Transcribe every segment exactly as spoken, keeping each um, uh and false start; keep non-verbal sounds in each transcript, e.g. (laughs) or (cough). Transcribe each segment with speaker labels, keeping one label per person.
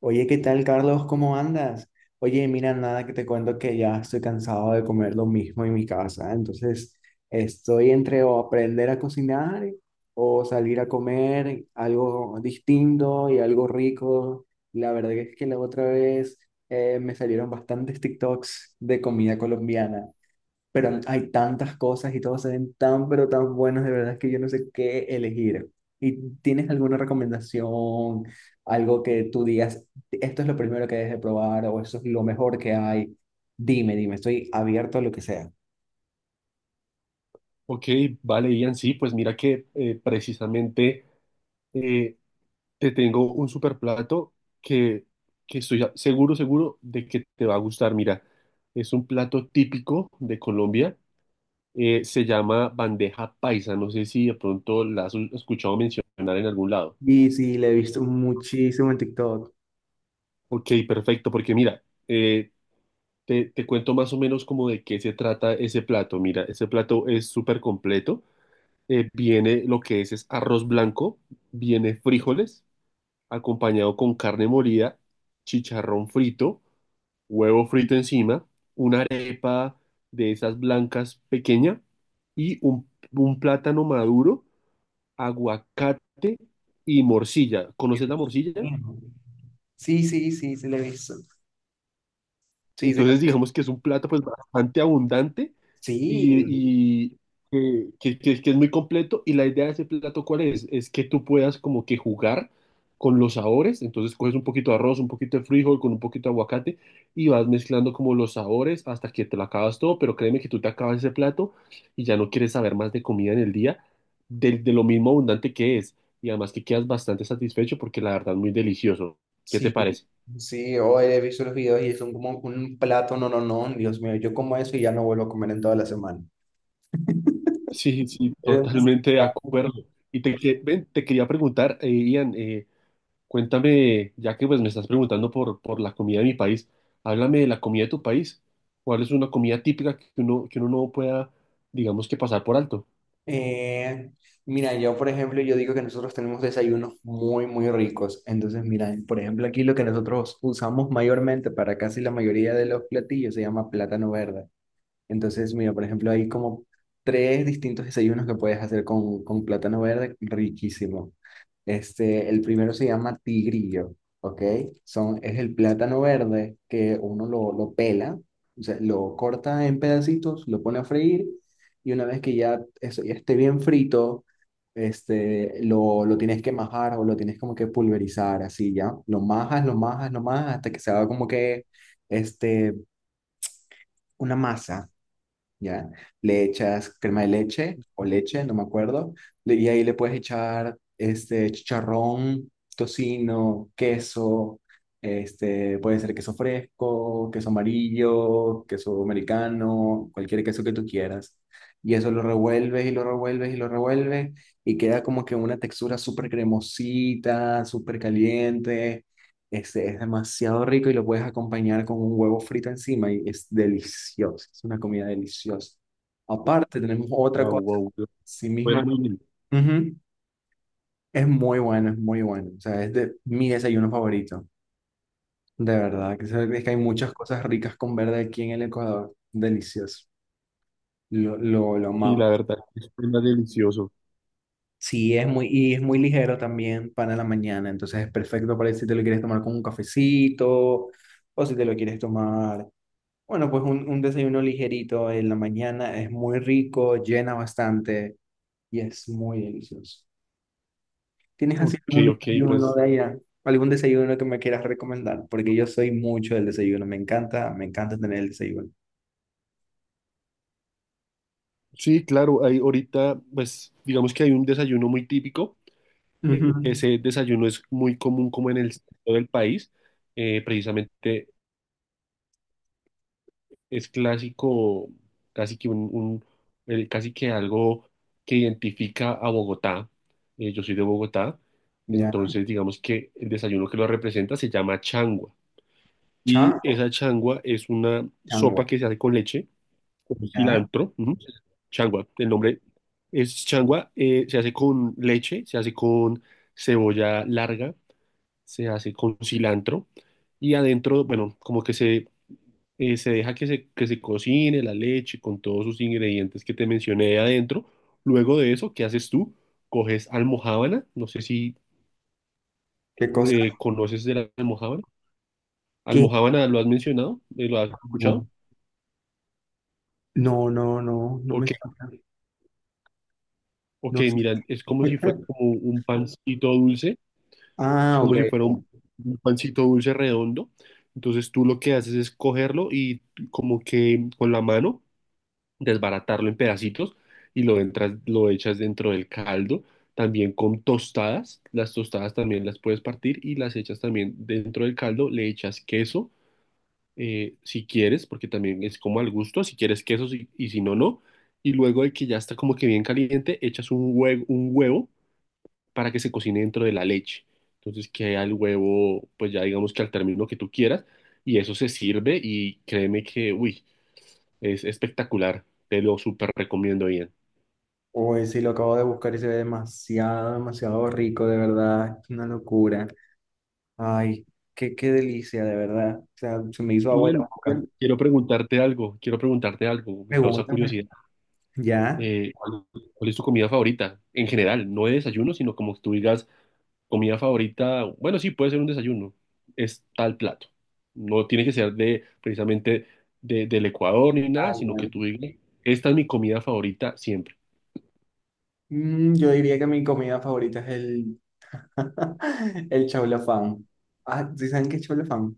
Speaker 1: Oye, ¿qué tal, Carlos? ¿Cómo andas? Oye, mira, nada que te cuento que ya estoy cansado de comer lo mismo en mi casa. Entonces, estoy entre o aprender a cocinar o salir a comer algo distinto y algo rico. La verdad es que la otra vez eh, me salieron bastantes TikToks de comida colombiana, pero hay tantas cosas y todos se ven tan, pero tan buenos, de verdad que yo no sé qué elegir. ¿Y tienes alguna recomendación, algo que tú digas, esto es lo primero que debes de probar o esto es lo mejor que hay? Dime, dime, estoy abierto a lo que sea.
Speaker 2: Ok, vale, Ian, sí, pues mira que eh, precisamente eh, te tengo un super plato que, que estoy a- seguro, seguro de que te va a gustar. Mira, es un plato típico de Colombia, eh, se llama bandeja paisa, no sé si de pronto la has escuchado mencionar en algún lado.
Speaker 1: Y sí, le he visto muchísimo en TikTok.
Speaker 2: Ok, perfecto, porque mira, eh, te, te cuento más o menos como de qué se trata ese plato. Mira, ese plato es súper completo, eh, viene lo que es, es arroz blanco, viene frijoles acompañado con carne molida, chicharrón frito, huevo frito encima, una arepa de esas blancas pequeña y un, un plátano maduro, aguacate y morcilla.
Speaker 1: Dios
Speaker 2: ¿Conoces la morcilla?
Speaker 1: mío. Sí, sí, sí, sí, le he visto. Sí, sí,
Speaker 2: Entonces, digamos que es un plato pues bastante abundante
Speaker 1: sí,
Speaker 2: y, y que, que- que- que es muy completo. Y la idea de ese plato, ¿cuál es? Es que tú puedas como que jugar con los sabores. Entonces, coges un poquito de arroz, un poquito de frijol, con un poquito de aguacate y vas mezclando como los sabores hasta que te lo acabas todo. Pero créeme que tú te acabas ese plato y ya no quieres saber más de comida en el día, de, de lo mismo abundante que es. Y además que quedas bastante satisfecho porque la verdad es muy delicioso. ¿Qué te
Speaker 1: sí,
Speaker 2: parece?
Speaker 1: sí, hoy he visto los videos y son como un plato, no, no, no, Dios mío, yo como eso y ya no vuelvo a comer en toda la semana.
Speaker 2: Sí, sí,
Speaker 1: Es
Speaker 2: totalmente de acuerdo.
Speaker 1: demasiado.
Speaker 2: Y te, que- ven, te quería preguntar, eh, Ian, eh, cuéntame, ya que pues, me estás preguntando por, por la comida de mi país, háblame de la comida de tu país. ¿Cuál es una comida típica que uno, que uno no pueda, digamos que pasar por alto?
Speaker 1: Eh, Mira, yo por ejemplo, yo digo que nosotros tenemos desayunos muy, muy ricos. Entonces, mira, por ejemplo, aquí lo que nosotros usamos mayormente para casi la mayoría de los platillos se llama plátano verde. Entonces, mira, por ejemplo, hay como tres distintos desayunos que puedes hacer con, con plátano verde, riquísimo. Este, el primero se llama tigrillo, ¿ok? Son, es el plátano verde que uno lo, lo pela, o sea, lo corta en pedacitos, lo pone a freír y una vez que ya, eso ya esté bien frito, este, lo, lo tienes que majar o lo tienes como que pulverizar, así ya. Lo majas, lo majas, lo majas hasta que se haga como que este, una masa, ¿ya? Le echas crema de leche o leche, no me acuerdo, le- y ahí le puedes echar este chicharrón, tocino, queso, este, puede ser queso fresco, queso amarillo, queso americano, cualquier queso que tú quieras. Y eso lo revuelves y lo revuelves y lo revuelves y queda como que una textura súper cremosita, súper caliente, este es demasiado rico y lo puedes acompañar con un huevo frito encima y es delicioso. Es una comida deliciosa. Aparte, tenemos otra
Speaker 2: Wow,
Speaker 1: cosa.
Speaker 2: wow,
Speaker 1: Sí
Speaker 2: bueno,
Speaker 1: mismo.
Speaker 2: muy bien.
Speaker 1: Ujú. Es muy bueno, es muy bueno. O sea, es de mi desayuno favorito. De verdad. que se- Es que hay muchas cosas ricas con verde aquí en el Ecuador. Delicioso. Lo, lo, lo
Speaker 2: Sí,
Speaker 1: amamos.
Speaker 2: la verdad, es delicioso.
Speaker 1: Sí, es muy, y es muy ligero también para la mañana. Entonces es perfecto para si te lo quieres tomar con un cafecito o si te lo quieres tomar. Bueno, pues un, un desayuno ligerito en la mañana es muy rico, llena bastante y es muy delicioso. ¿Tienes así
Speaker 2: Ok,
Speaker 1: algún
Speaker 2: ok,
Speaker 1: desayuno
Speaker 2: pues
Speaker 1: de allá? ¿Algún desayuno que me quieras recomendar? Porque yo soy mucho del desayuno, me encanta, me encanta tener el desayuno.
Speaker 2: sí, claro, hay ahorita, pues digamos que hay un desayuno muy típico. Eh,
Speaker 1: Ujú.
Speaker 2: Ese desayuno es muy común como en el centro del país. Eh, precisamente es clásico, casi que un, un- el- casi que algo que identifica a Bogotá. Eh, yo soy de Bogotá,
Speaker 1: Ya,
Speaker 2: entonces digamos que el desayuno que lo representa se llama changua. Y
Speaker 1: chango,
Speaker 2: esa changua es una
Speaker 1: chango,
Speaker 2: sopa que se hace con leche, con
Speaker 1: ya,
Speaker 2: cilantro, ujú. Changua, el nombre es changua, eh, se hace con leche, se hace con cebolla larga, se hace con cilantro y adentro, bueno, como que se eh, se deja que se, que se cocine la leche con todos sus ingredientes que te mencioné ahí adentro. Luego de eso, ¿qué haces tú? Coges almojábana, no sé si
Speaker 1: ¿qué cosa?
Speaker 2: eh, conoces de la almojábana.
Speaker 1: ¿Qué?
Speaker 2: ¿Almojábana lo has mencionado? Eh, ¿Lo has escuchado?
Speaker 1: No, no, no, no, no me
Speaker 2: Ok,
Speaker 1: suena,
Speaker 2: ok,
Speaker 1: no sé.
Speaker 2: mira, es como si fuera
Speaker 1: (laughs)
Speaker 2: como un pancito dulce, es
Speaker 1: Ah, ok.
Speaker 2: como si fuera un, un pancito dulce redondo. Entonces tú lo que haces es cogerlo y como que con la mano desbaratarlo en pedacitos y lo, entras, lo echas dentro del caldo, también con tostadas, las tostadas también las puedes partir y las echas también dentro del caldo, le echas queso eh, si quieres, porque también es como al gusto, si quieres queso si- y si no, no, y luego de que ya está como que bien caliente, echas un huevo, un huevo para que se cocine dentro de la leche. Entonces queda el huevo, pues ya digamos que al término que tú quieras, y eso se sirve y créeme que, uy, es espectacular, te lo súper recomiendo bien.
Speaker 1: Hoy sí lo acabo de buscar y se ve demasiado, demasiado rico, de verdad, es una locura. Ay, qué, qué delicia, de verdad. O sea, se me hizo agua en la
Speaker 2: Bien,
Speaker 1: boca.
Speaker 2: bien. Quiero preguntarte algo, quiero preguntarte algo, me causa
Speaker 1: Pregúntame.
Speaker 2: curiosidad.
Speaker 1: ¿Ya?
Speaker 2: Eh, ¿cuál, cuál es tu comida favorita? En general, no de desayuno, sino como que tú digas comida favorita, bueno, sí, puede ser un desayuno, es tal plato. No tiene que ser de precisamente de- del Ecuador ni nada,
Speaker 1: Ay,
Speaker 2: sino que
Speaker 1: madre.
Speaker 2: tú digas, esta es mi comida favorita siempre.
Speaker 1: Mm, yo diría que mi comida favorita es el, (laughs) el chaulafán. Ah, ¿sí saben qué es chaulafán?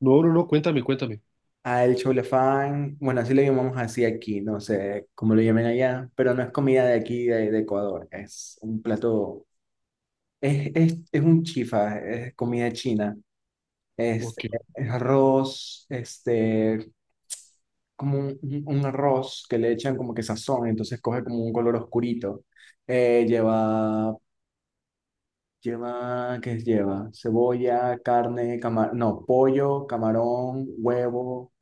Speaker 2: No, no, no, cuéntame, cuéntame.
Speaker 1: Ah, el chaulafán, bueno, así lo llamamos así aquí, no sé cómo lo llamen allá, pero no es comida de aquí, de, de Ecuador. Es un plato, es, es, es un chifa, es comida china. este,
Speaker 2: Ok,
Speaker 1: arroz, este, como un, un- un arroz que le echan como que sazón, entonces coge como un color oscurito. Eh, lleva, lleva, ¿qué lleva? Cebolla, carne, camarón, no, pollo, camarón, huevo,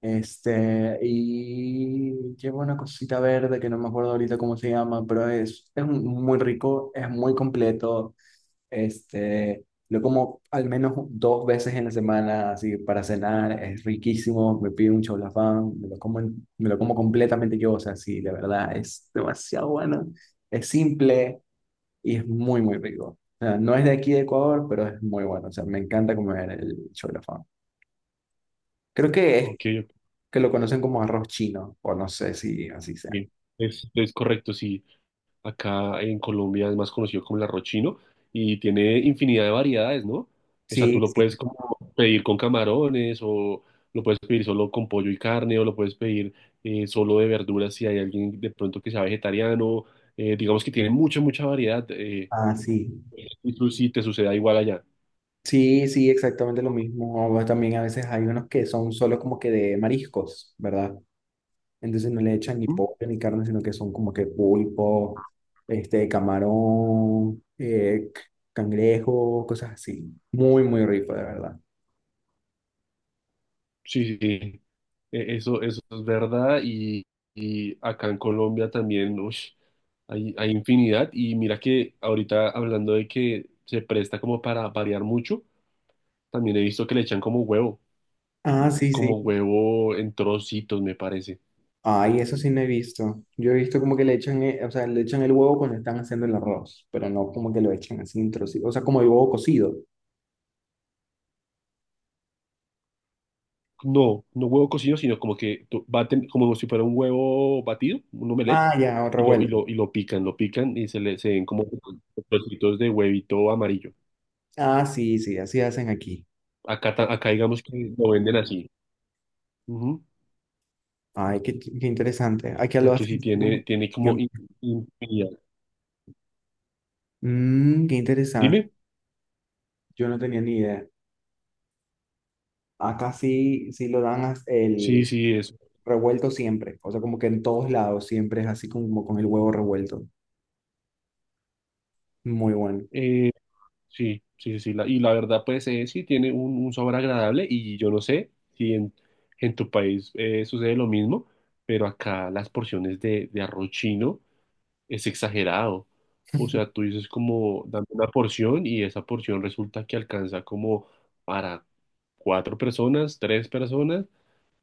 Speaker 1: este, y lleva una cosita verde que no me acuerdo ahorita cómo se llama, pero es, es muy rico, es muy completo. Este, lo como al menos dos veces en la semana, así para cenar, es riquísimo, me pido un chaulafán, me lo como, en- me lo como completamente yo, o sea, sí, la verdad, es demasiado bueno, es simple y es muy, muy rico. O sea, no es de aquí de Ecuador, pero es muy bueno, o sea, me encanta comer el chaulafán. Creo que es
Speaker 2: ok, ok.
Speaker 1: que lo conocen como arroz chino, o no sé si así sea.
Speaker 2: Es, es correcto, sí. Acá en Colombia es más conocido como el arroz chino y tiene infinidad de variedades, ¿no? O sea,
Speaker 1: Sí,
Speaker 2: tú lo puedes
Speaker 1: sí.
Speaker 2: como pedir con camarones o lo puedes pedir solo con pollo y carne o lo puedes pedir eh, solo de verduras si hay alguien de pronto que sea vegetariano. Eh, digamos que tiene mucha, mucha variedad eh,
Speaker 1: Ah, sí.
Speaker 2: y tú- si te suceda igual allá.
Speaker 1: Sí, sí, exactamente lo mismo. O también a veces hay unos que son solo como que de mariscos, ¿verdad? Entonces no le echan ni
Speaker 2: ¿Mm?
Speaker 1: pollo ni carne, sino que son como que pulpo, este, camarón, eh, c- cangrejo, cosas así. Muy, muy rico, de verdad.
Speaker 2: Sí, sí. sí. E- Eso, eso es verdad y, y acá en Colombia también ush, hay, hay infinidad y mira que ahorita hablando de que se presta como para variar mucho, también he visto que le echan como huevo,
Speaker 1: Ah, sí,
Speaker 2: como
Speaker 1: sí.
Speaker 2: huevo en trocitos me parece.
Speaker 1: Ay, eso sí no he visto. Yo he visto como que le echan, eh, o sea, le echan el huevo cuando están haciendo el arroz, pero no como que lo echan así en trocitos, o sea, como el huevo cocido.
Speaker 2: No, no huevo cocido, sino como que tú baten, como si fuera un huevo batido, un omelette,
Speaker 1: Ah, ya,
Speaker 2: y lo, y
Speaker 1: revuelto.
Speaker 2: lo, y lo pican, lo pican y se le se ven como trocitos de huevito amarillo.
Speaker 1: Ah, sí, sí, así hacen aquí.
Speaker 2: Acá, ta- acá digamos que lo venden así. Ujú.
Speaker 1: Ay, qué, qué interesante. Aquí lo
Speaker 2: Porque
Speaker 1: hacen
Speaker 2: si
Speaker 1: así como-
Speaker 2: tiene, tiene como in- infinidad.
Speaker 1: Mm, qué interesante.
Speaker 2: Dime,
Speaker 1: Yo no tenía ni idea. Acá sí, sí lo dan as-
Speaker 2: sí,
Speaker 1: el
Speaker 2: sí, eso.
Speaker 1: revuelto siempre. O sea, como que en todos lados siempre es así como con el huevo revuelto. Muy bueno.
Speaker 2: Eh, sí, sí, sí, la- y la verdad, pues eh, sí, tiene un, un sabor agradable y yo no sé si en, en tu país eh, sucede lo mismo, pero acá las porciones de, de arroz chino es exagerado. O sea, tú dices como dame una porción y esa porción resulta que alcanza como para cuatro personas, tres personas.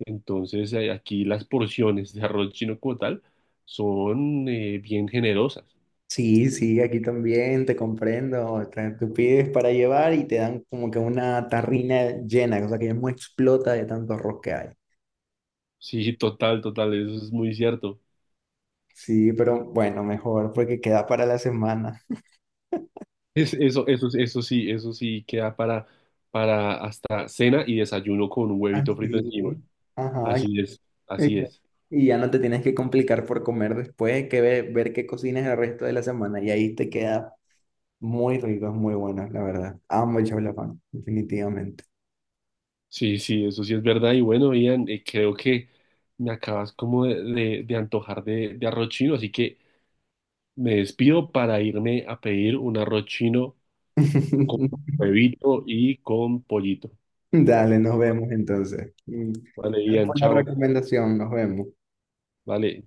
Speaker 2: Entonces, eh, aquí las porciones de arroz chino como tal son eh, bien generosas.
Speaker 1: Sí, sí, aquí también te comprendo. Te- Tú pides para llevar y te dan como que una tarrina llena, o sea, que ya no explota de tanto arroz que hay.
Speaker 2: Sí, total, total, eso es muy cierto.
Speaker 1: Sí, pero bueno, mejor porque queda para la semana.
Speaker 2: Es, eso, eso, eso sí, eso sí queda para, para hasta cena y desayuno con un huevito frito encima.
Speaker 1: Así. Ajá,
Speaker 2: Así es, así
Speaker 1: exacto.
Speaker 2: es.
Speaker 1: Y ya no te tienes que complicar por comer después, que ve- ver qué cocinas el resto de la semana. Y ahí te queda muy rico, es muy bueno, la verdad. Amo el chablafán, definitivamente.
Speaker 2: Sí, sí, eso sí es verdad. Y bueno, Ian, eh, creo que me acabas como de, de- de antojar de, de arroz chino, así que me despido para irme a pedir un arroz chino con
Speaker 1: (laughs)
Speaker 2: huevito y con pollito.
Speaker 1: Dale, nos vemos entonces. Mm,
Speaker 2: Vale, Ian,
Speaker 1: buena
Speaker 2: chao.
Speaker 1: recomendación, nos vemos.
Speaker 2: Vale,